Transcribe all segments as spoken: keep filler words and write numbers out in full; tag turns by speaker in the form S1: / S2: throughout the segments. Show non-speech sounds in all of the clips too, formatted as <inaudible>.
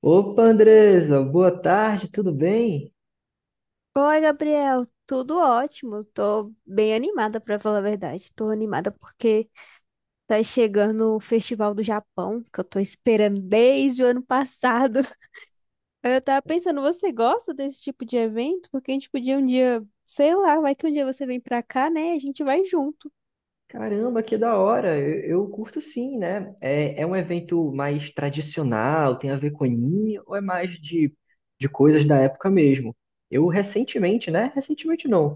S1: Opa, Andresa, boa tarde, tudo bem?
S2: Oi, Gabriel, tudo ótimo. Tô bem animada, pra falar a verdade. Tô animada porque tá chegando o Festival do Japão, que eu tô esperando desde o ano passado. <laughs> Aí eu tava pensando, você gosta desse tipo de evento? Porque a gente podia um dia, sei lá, vai que um dia você vem pra cá, né? A gente vai junto.
S1: Caramba, que da hora! Eu, eu curto sim, né? É, é um evento mais tradicional, tem a ver com anime, ou é mais de, de coisas da época mesmo? Eu recentemente, né? Recentemente não.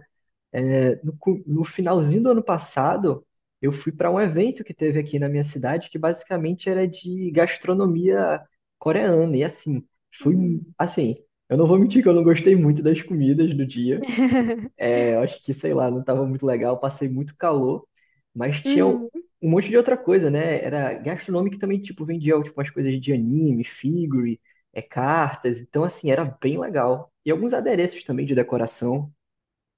S1: É, no, cu- no finalzinho do ano passado, eu fui para um evento que teve aqui na minha cidade, que basicamente era de gastronomia coreana. E assim, fui,
S2: Uhum.
S1: assim, eu não vou mentir que eu não gostei muito das comidas do dia.
S2: <laughs>
S1: É, eu acho que, sei lá, não estava muito legal, passei muito calor, mas tinha um
S2: Uhum.
S1: um monte de outra coisa, né? Era gastronômico que também, tipo, vendia tipo, umas coisas de anime, figure, é, cartas. Então, assim, era bem legal. E alguns adereços também de decoração.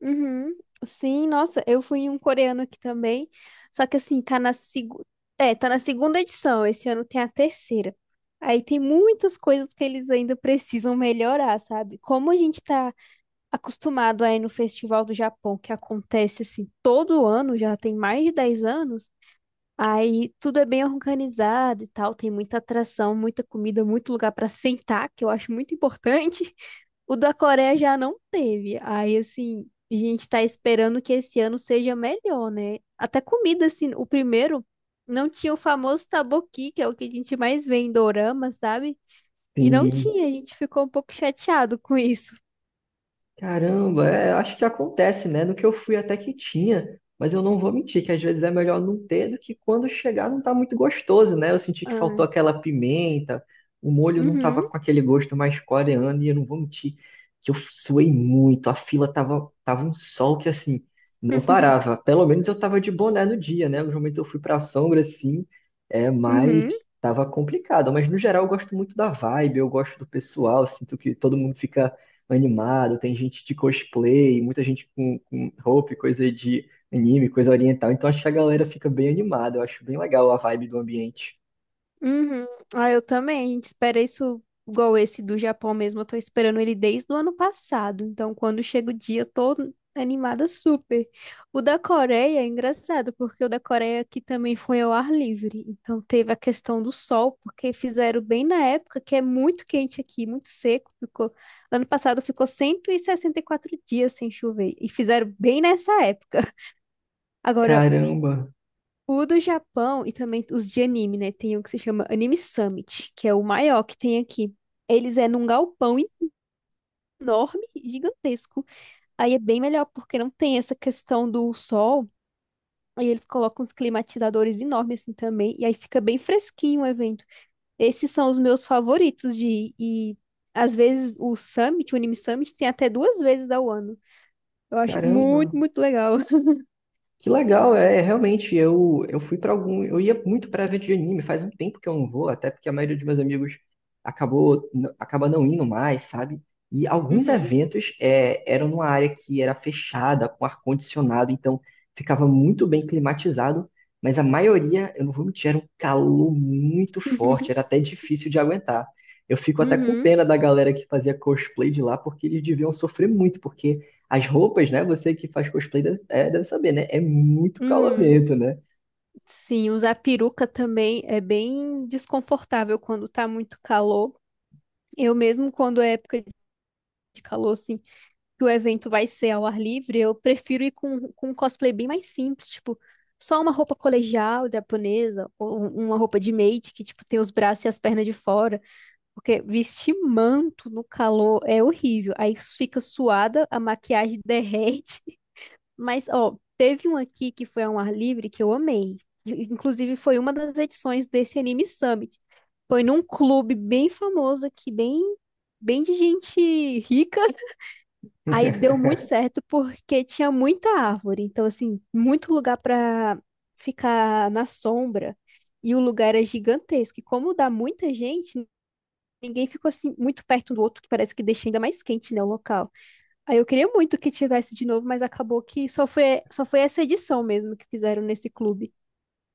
S2: Uhum. Sim, nossa, eu fui em um coreano aqui também. Só que assim, tá na segu... é, tá na segunda edição. Esse ano tem a terceira. Aí tem muitas coisas que eles ainda precisam melhorar, sabe? Como a gente tá acostumado a ir no Festival do Japão, que acontece assim todo ano, já tem mais de dez anos. Aí tudo é bem organizado e tal, tem muita atração, muita comida, muito lugar pra sentar, que eu acho muito importante. O da Coreia já não teve. Aí, assim, a gente tá esperando que esse ano seja melhor, né? Até comida, assim, o primeiro não tinha o famoso taboqui, que é o que a gente mais vê em dorama, sabe? E não
S1: Sim.
S2: tinha, a gente ficou um pouco chateado com isso.
S1: Caramba, é, acho que acontece, né? No que eu fui até que tinha, mas eu não vou mentir que às vezes é melhor não ter do que quando chegar não tá muito gostoso, né? Eu senti que faltou
S2: Ah,
S1: aquela pimenta, o molho não tava
S2: uhum,
S1: com aquele gosto mais coreano e eu não vou mentir que eu suei muito, a fila tava, tava um sol que assim, não
S2: uhum.
S1: parava. Pelo menos eu tava de boné no dia, né? Alguns momentos eu fui pra sombra assim, é, mas
S2: Uhum.
S1: tava complicado. Mas no geral eu gosto muito da vibe, eu gosto do pessoal, sinto que todo mundo fica animado, tem gente de cosplay, muita gente com, com roupa e coisa de anime, coisa oriental. Então acho que a galera fica bem animada, eu acho bem legal a vibe do ambiente.
S2: Uhum. Ah, eu também. A gente espera isso igual esse do Japão mesmo. Eu tô esperando ele desde o ano passado. Então, quando chega o dia, eu tô animada super. O da Coreia é engraçado, porque o da Coreia aqui também foi ao ar livre. Então, teve a questão do sol, porque fizeram bem na época que é muito quente aqui, muito seco. Ficou... Ano passado ficou cento e e sessenta e quatro dias sem chover. E fizeram bem nessa época. <laughs> Agora,
S1: Caramba,
S2: o do Japão e também os de anime, né? Tem um que se chama Anime Summit, que é o maior que tem aqui. Eles é num galpão enorme, gigantesco. Aí é bem melhor, porque não tem essa questão do sol. Aí eles colocam uns climatizadores enormes assim também. E aí fica bem fresquinho o evento. Esses são os meus favoritos de ir. E às vezes o Summit, o Anime Summit, tem até duas vezes ao ano. Eu acho
S1: caramba,
S2: muito, muito legal. <laughs>
S1: Que legal, é realmente. Eu, eu fui para algum. Eu ia muito para evento de anime, faz um tempo que eu não vou, até porque a maioria dos meus amigos acabou, n- acaba não indo mais, sabe? E alguns
S2: Uhum.
S1: eventos é, eram numa área que era fechada, com ar-condicionado, então ficava muito bem climatizado, mas a maioria, eu não vou mentir, era um calor muito forte, era
S2: <laughs>
S1: até difícil de aguentar. Eu fico até com
S2: Uhum.
S1: pena da galera que fazia cosplay de lá, porque eles deviam sofrer muito, porque. As roupas, né? Você que faz cosplay deve, é, deve saber, né? É muito
S2: Uhum.
S1: calorento, né?
S2: Sim, usar peruca também é bem desconfortável quando tá muito calor. Eu mesmo, quando é época de calor, assim, que o evento vai ser ao ar livre, eu prefiro ir com, com um cosplay bem mais simples, tipo, só uma roupa colegial japonesa, ou um- uma roupa de maid, que, tipo, tem os braços e as pernas de fora, porque vestir manto no calor é horrível. Aí fica suada, a maquiagem <laughs> derrete, mas, ó, teve um aqui que foi ao ar livre que eu amei. I- Inclusive, foi uma das edições desse Anime Summit. Foi num clube bem famoso aqui, bem, bem de gente rica. <laughs> Aí
S1: <laughs>
S2: deu muito certo porque tinha muita árvore. Então, assim, muito lugar para ficar na sombra. E o lugar era gigantesco. E como dá muita gente, ninguém ficou assim muito perto um do outro, que parece que deixa ainda mais quente, né, o local. Aí eu queria muito que tivesse de novo, mas acabou que só foi, só foi essa edição mesmo que fizeram nesse clube.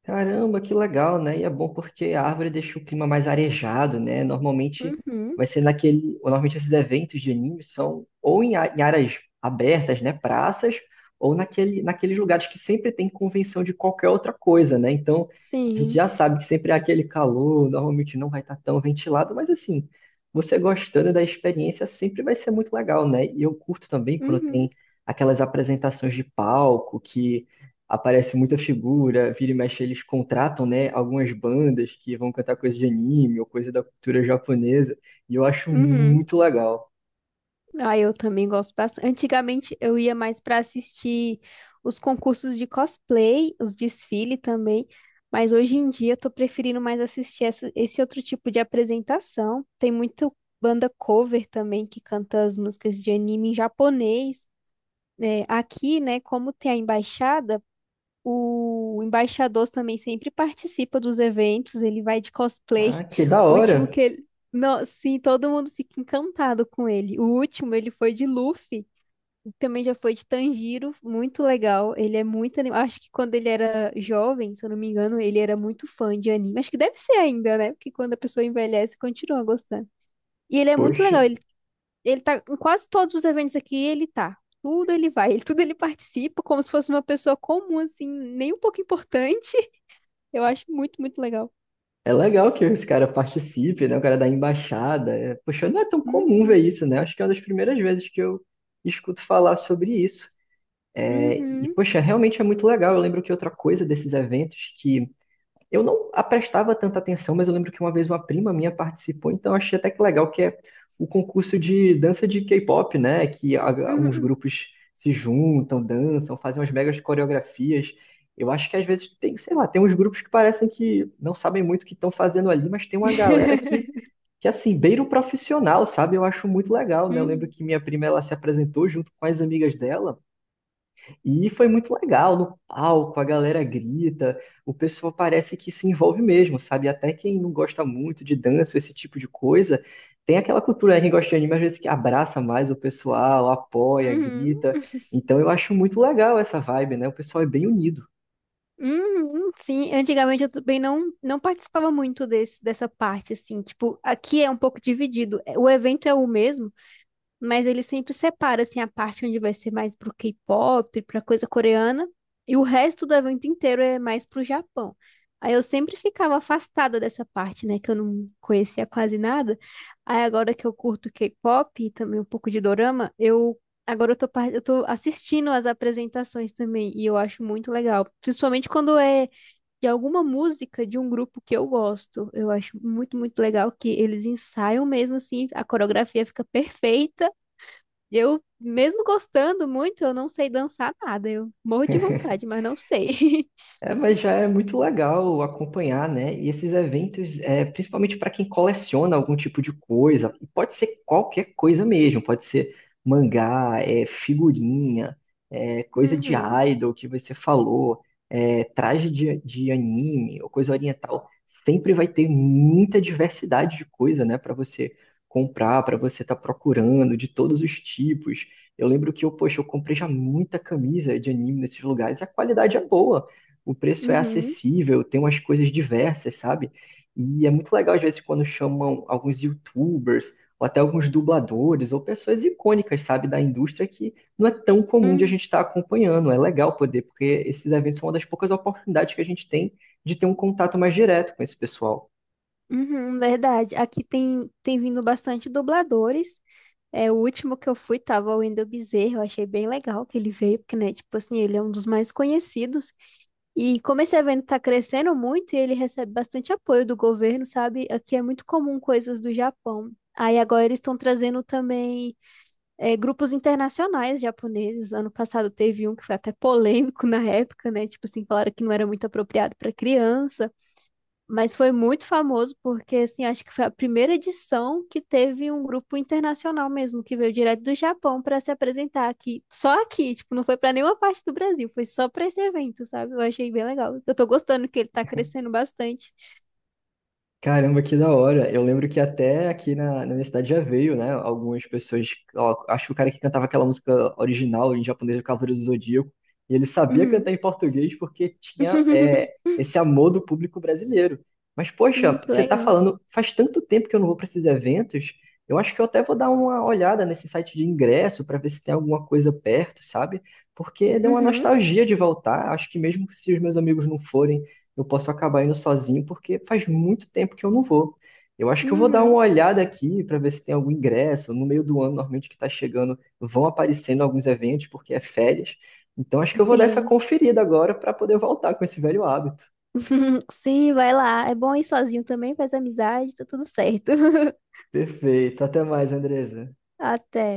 S1: Caramba, que legal, né? E é bom porque a árvore deixa o clima mais arejado, né? Normalmente vai
S2: Uhum,
S1: ser naquele. Ou normalmente esses eventos de anime são ou em, a- em áreas abertas, né? Praças, ou naquele, naqueles lugares que sempre tem convenção de qualquer outra coisa, né? Então a gente
S2: Sim.
S1: já sabe que sempre há aquele calor, normalmente não vai estar tão ventilado, mas assim, você gostando da experiência sempre vai ser muito legal, né? E eu curto também quando tem
S2: Uhum.
S1: aquelas apresentações de palco que aparece muita figura, vira e mexe eles contratam, né, algumas bandas que vão cantar coisa de anime ou coisa da cultura japonesa, e eu acho
S2: Uhum.
S1: muito legal.
S2: Ah, eu também gosto bastante. Antigamente eu ia mais para assistir os concursos de cosplay, os desfile também, mas hoje em dia eu tô preferindo mais assistir essa- esse outro tipo de apresentação. Tem muita banda cover também que canta as músicas de anime em japonês. É, aqui, né, como tem a embaixada. O embaixador também sempre participa dos eventos, ele vai de cosplay.
S1: Ah, que da
S2: O último
S1: hora!
S2: que ele. Não, sim, todo mundo fica encantado com ele. O último, ele foi de Luffy, e também já foi de Tanjiro, muito legal. Ele é muito animado. Acho que quando ele era jovem, se eu não me engano, ele era muito fã de anime. Acho que deve ser ainda, né? Porque quando a pessoa envelhece, continua gostando. E ele é muito
S1: Poxa,
S2: legal, ele ele tá em quase todos os eventos aqui, ele tá. Tudo ele vai, ele, tudo ele participa, como se fosse uma pessoa comum, assim, nem um pouco importante. Eu acho muito, muito legal.
S1: é legal que esse cara participe, né, o cara da embaixada. É, poxa, não é tão comum ver
S2: Uhum,
S1: isso, né? Acho que é uma das primeiras vezes que eu escuto falar sobre isso. É, e,
S2: uhum,
S1: poxa, realmente é muito legal. Eu lembro que outra coisa desses eventos que eu não prestava tanta atenção, mas eu lembro que uma vez uma prima minha participou, então eu achei até que legal que é o concurso de dança de K-pop, né? Que a- uns
S2: uhum.
S1: grupos se juntam, dançam, fazem umas megas coreografias. Eu acho que às vezes tem, sei lá, tem uns grupos que parecem que não sabem muito o que estão fazendo ali, mas tem uma galera que,
S2: <laughs>
S1: que assim, beira o profissional, sabe? Eu acho muito legal, né? Eu lembro
S2: Uhum,
S1: que minha prima, ela se apresentou junto com as amigas dela, e foi muito legal no palco, a galera grita, o pessoal parece que se envolve mesmo, sabe? Até quem não gosta muito de dança, esse tipo de coisa, tem aquela cultura, né? Quem gosta de anime às vezes que abraça mais o pessoal, apoia,
S2: uhum,
S1: grita. Então eu acho muito legal essa vibe, né? O pessoal é bem unido.
S2: uhum. Sim, antigamente eu também não, não participava muito desse, dessa parte, assim, tipo, aqui é um pouco dividido. O evento é o mesmo, mas ele sempre separa assim a parte onde vai ser mais pro K-pop, pra coisa coreana, e o resto do evento inteiro é mais pro Japão. Aí eu sempre ficava afastada dessa parte, né, que eu não conhecia quase nada. Aí agora que eu curto K-pop e também um pouco de dorama, eu agora eu tô, par- eu tô assistindo as apresentações também e eu acho muito legal, principalmente quando é de alguma música de um grupo que eu gosto. Eu acho muito, muito legal que eles ensaiam mesmo assim, a coreografia fica perfeita. Eu, mesmo gostando muito, eu não sei dançar nada. Eu morro de
S1: <laughs>
S2: vontade, mas não sei. <laughs>
S1: É, mas já é muito legal acompanhar, né? E esses eventos, é, principalmente para quem coleciona algum tipo de coisa, e pode ser qualquer coisa mesmo, pode ser mangá, é, figurinha, é, coisa de
S2: Uhum,
S1: idol que você falou, é, traje de, de anime ou coisa oriental. Sempre vai ter muita diversidade de coisa, né? Para você comprar, para você estar procurando, de todos os tipos. Eu lembro que eu, poxa, eu comprei já muita camisa de anime nesses lugares e a qualidade é boa, o preço é
S2: uhum,
S1: acessível, tem umas coisas diversas, sabe? E é muito legal, às vezes, quando chamam alguns YouTubers, ou até alguns dubladores, ou pessoas icônicas, sabe, da indústria que não é tão comum de a
S2: uhum,
S1: gente estar acompanhando. É legal poder, porque esses eventos são uma das poucas oportunidades que a gente tem de ter um contato mais direto com esse pessoal.
S2: uhum, verdade. Aqui tem, tem vindo bastante dubladores. É, o último que eu fui tava o Wendel Bezerra, eu achei bem legal que ele veio, porque, né, tipo assim, ele é um dos mais conhecidos. E como esse evento tá crescendo muito e ele recebe bastante apoio do governo, sabe? Aqui é muito comum coisas do Japão. Aí agora eles estão trazendo também é, grupos internacionais japoneses. Ano passado teve um que foi até polêmico na época, né? Tipo assim, falaram que não era muito apropriado para criança, mas foi muito famoso porque, assim, acho que foi a primeira edição que teve um grupo internacional mesmo, que veio direto do Japão para se apresentar aqui. Só aqui, tipo, não foi para nenhuma parte do Brasil, foi só para esse evento, sabe? Eu achei bem legal. Eu tô gostando que ele tá crescendo bastante.
S1: Caramba, que da hora. Eu lembro que até aqui na, na minha cidade já veio, né? Algumas pessoas. Ó, acho que o cara que cantava aquela música original em japonês, o Cavaleiro do Zodíaco, e ele sabia cantar
S2: Uhum.
S1: em português porque tinha é,
S2: <laughs>
S1: esse amor do público brasileiro. Mas,
S2: Hum,
S1: poxa,
S2: que
S1: você tá
S2: legal.
S1: falando, faz tanto tempo que eu não vou para esses eventos, eu acho que eu até vou dar uma olhada nesse site de ingresso para ver se tem alguma coisa perto, sabe? Porque deu uma
S2: Uhum.
S1: nostalgia de voltar. Acho que mesmo se os meus amigos não forem, eu posso acabar indo sozinho, porque faz muito tempo que eu não vou. Eu acho que eu vou dar uma
S2: Uhum.
S1: olhada aqui para ver se tem algum ingresso. No meio do ano, normalmente que está chegando, vão aparecendo alguns eventos, porque é férias. Então, acho que eu vou dar essa
S2: Sim.
S1: conferida agora para poder voltar com esse velho hábito.
S2: <laughs> Sim, vai lá. É bom ir sozinho também, faz amizade, tá tudo certo. <laughs>
S1: Perfeito. Até mais, Andresa.
S2: Até.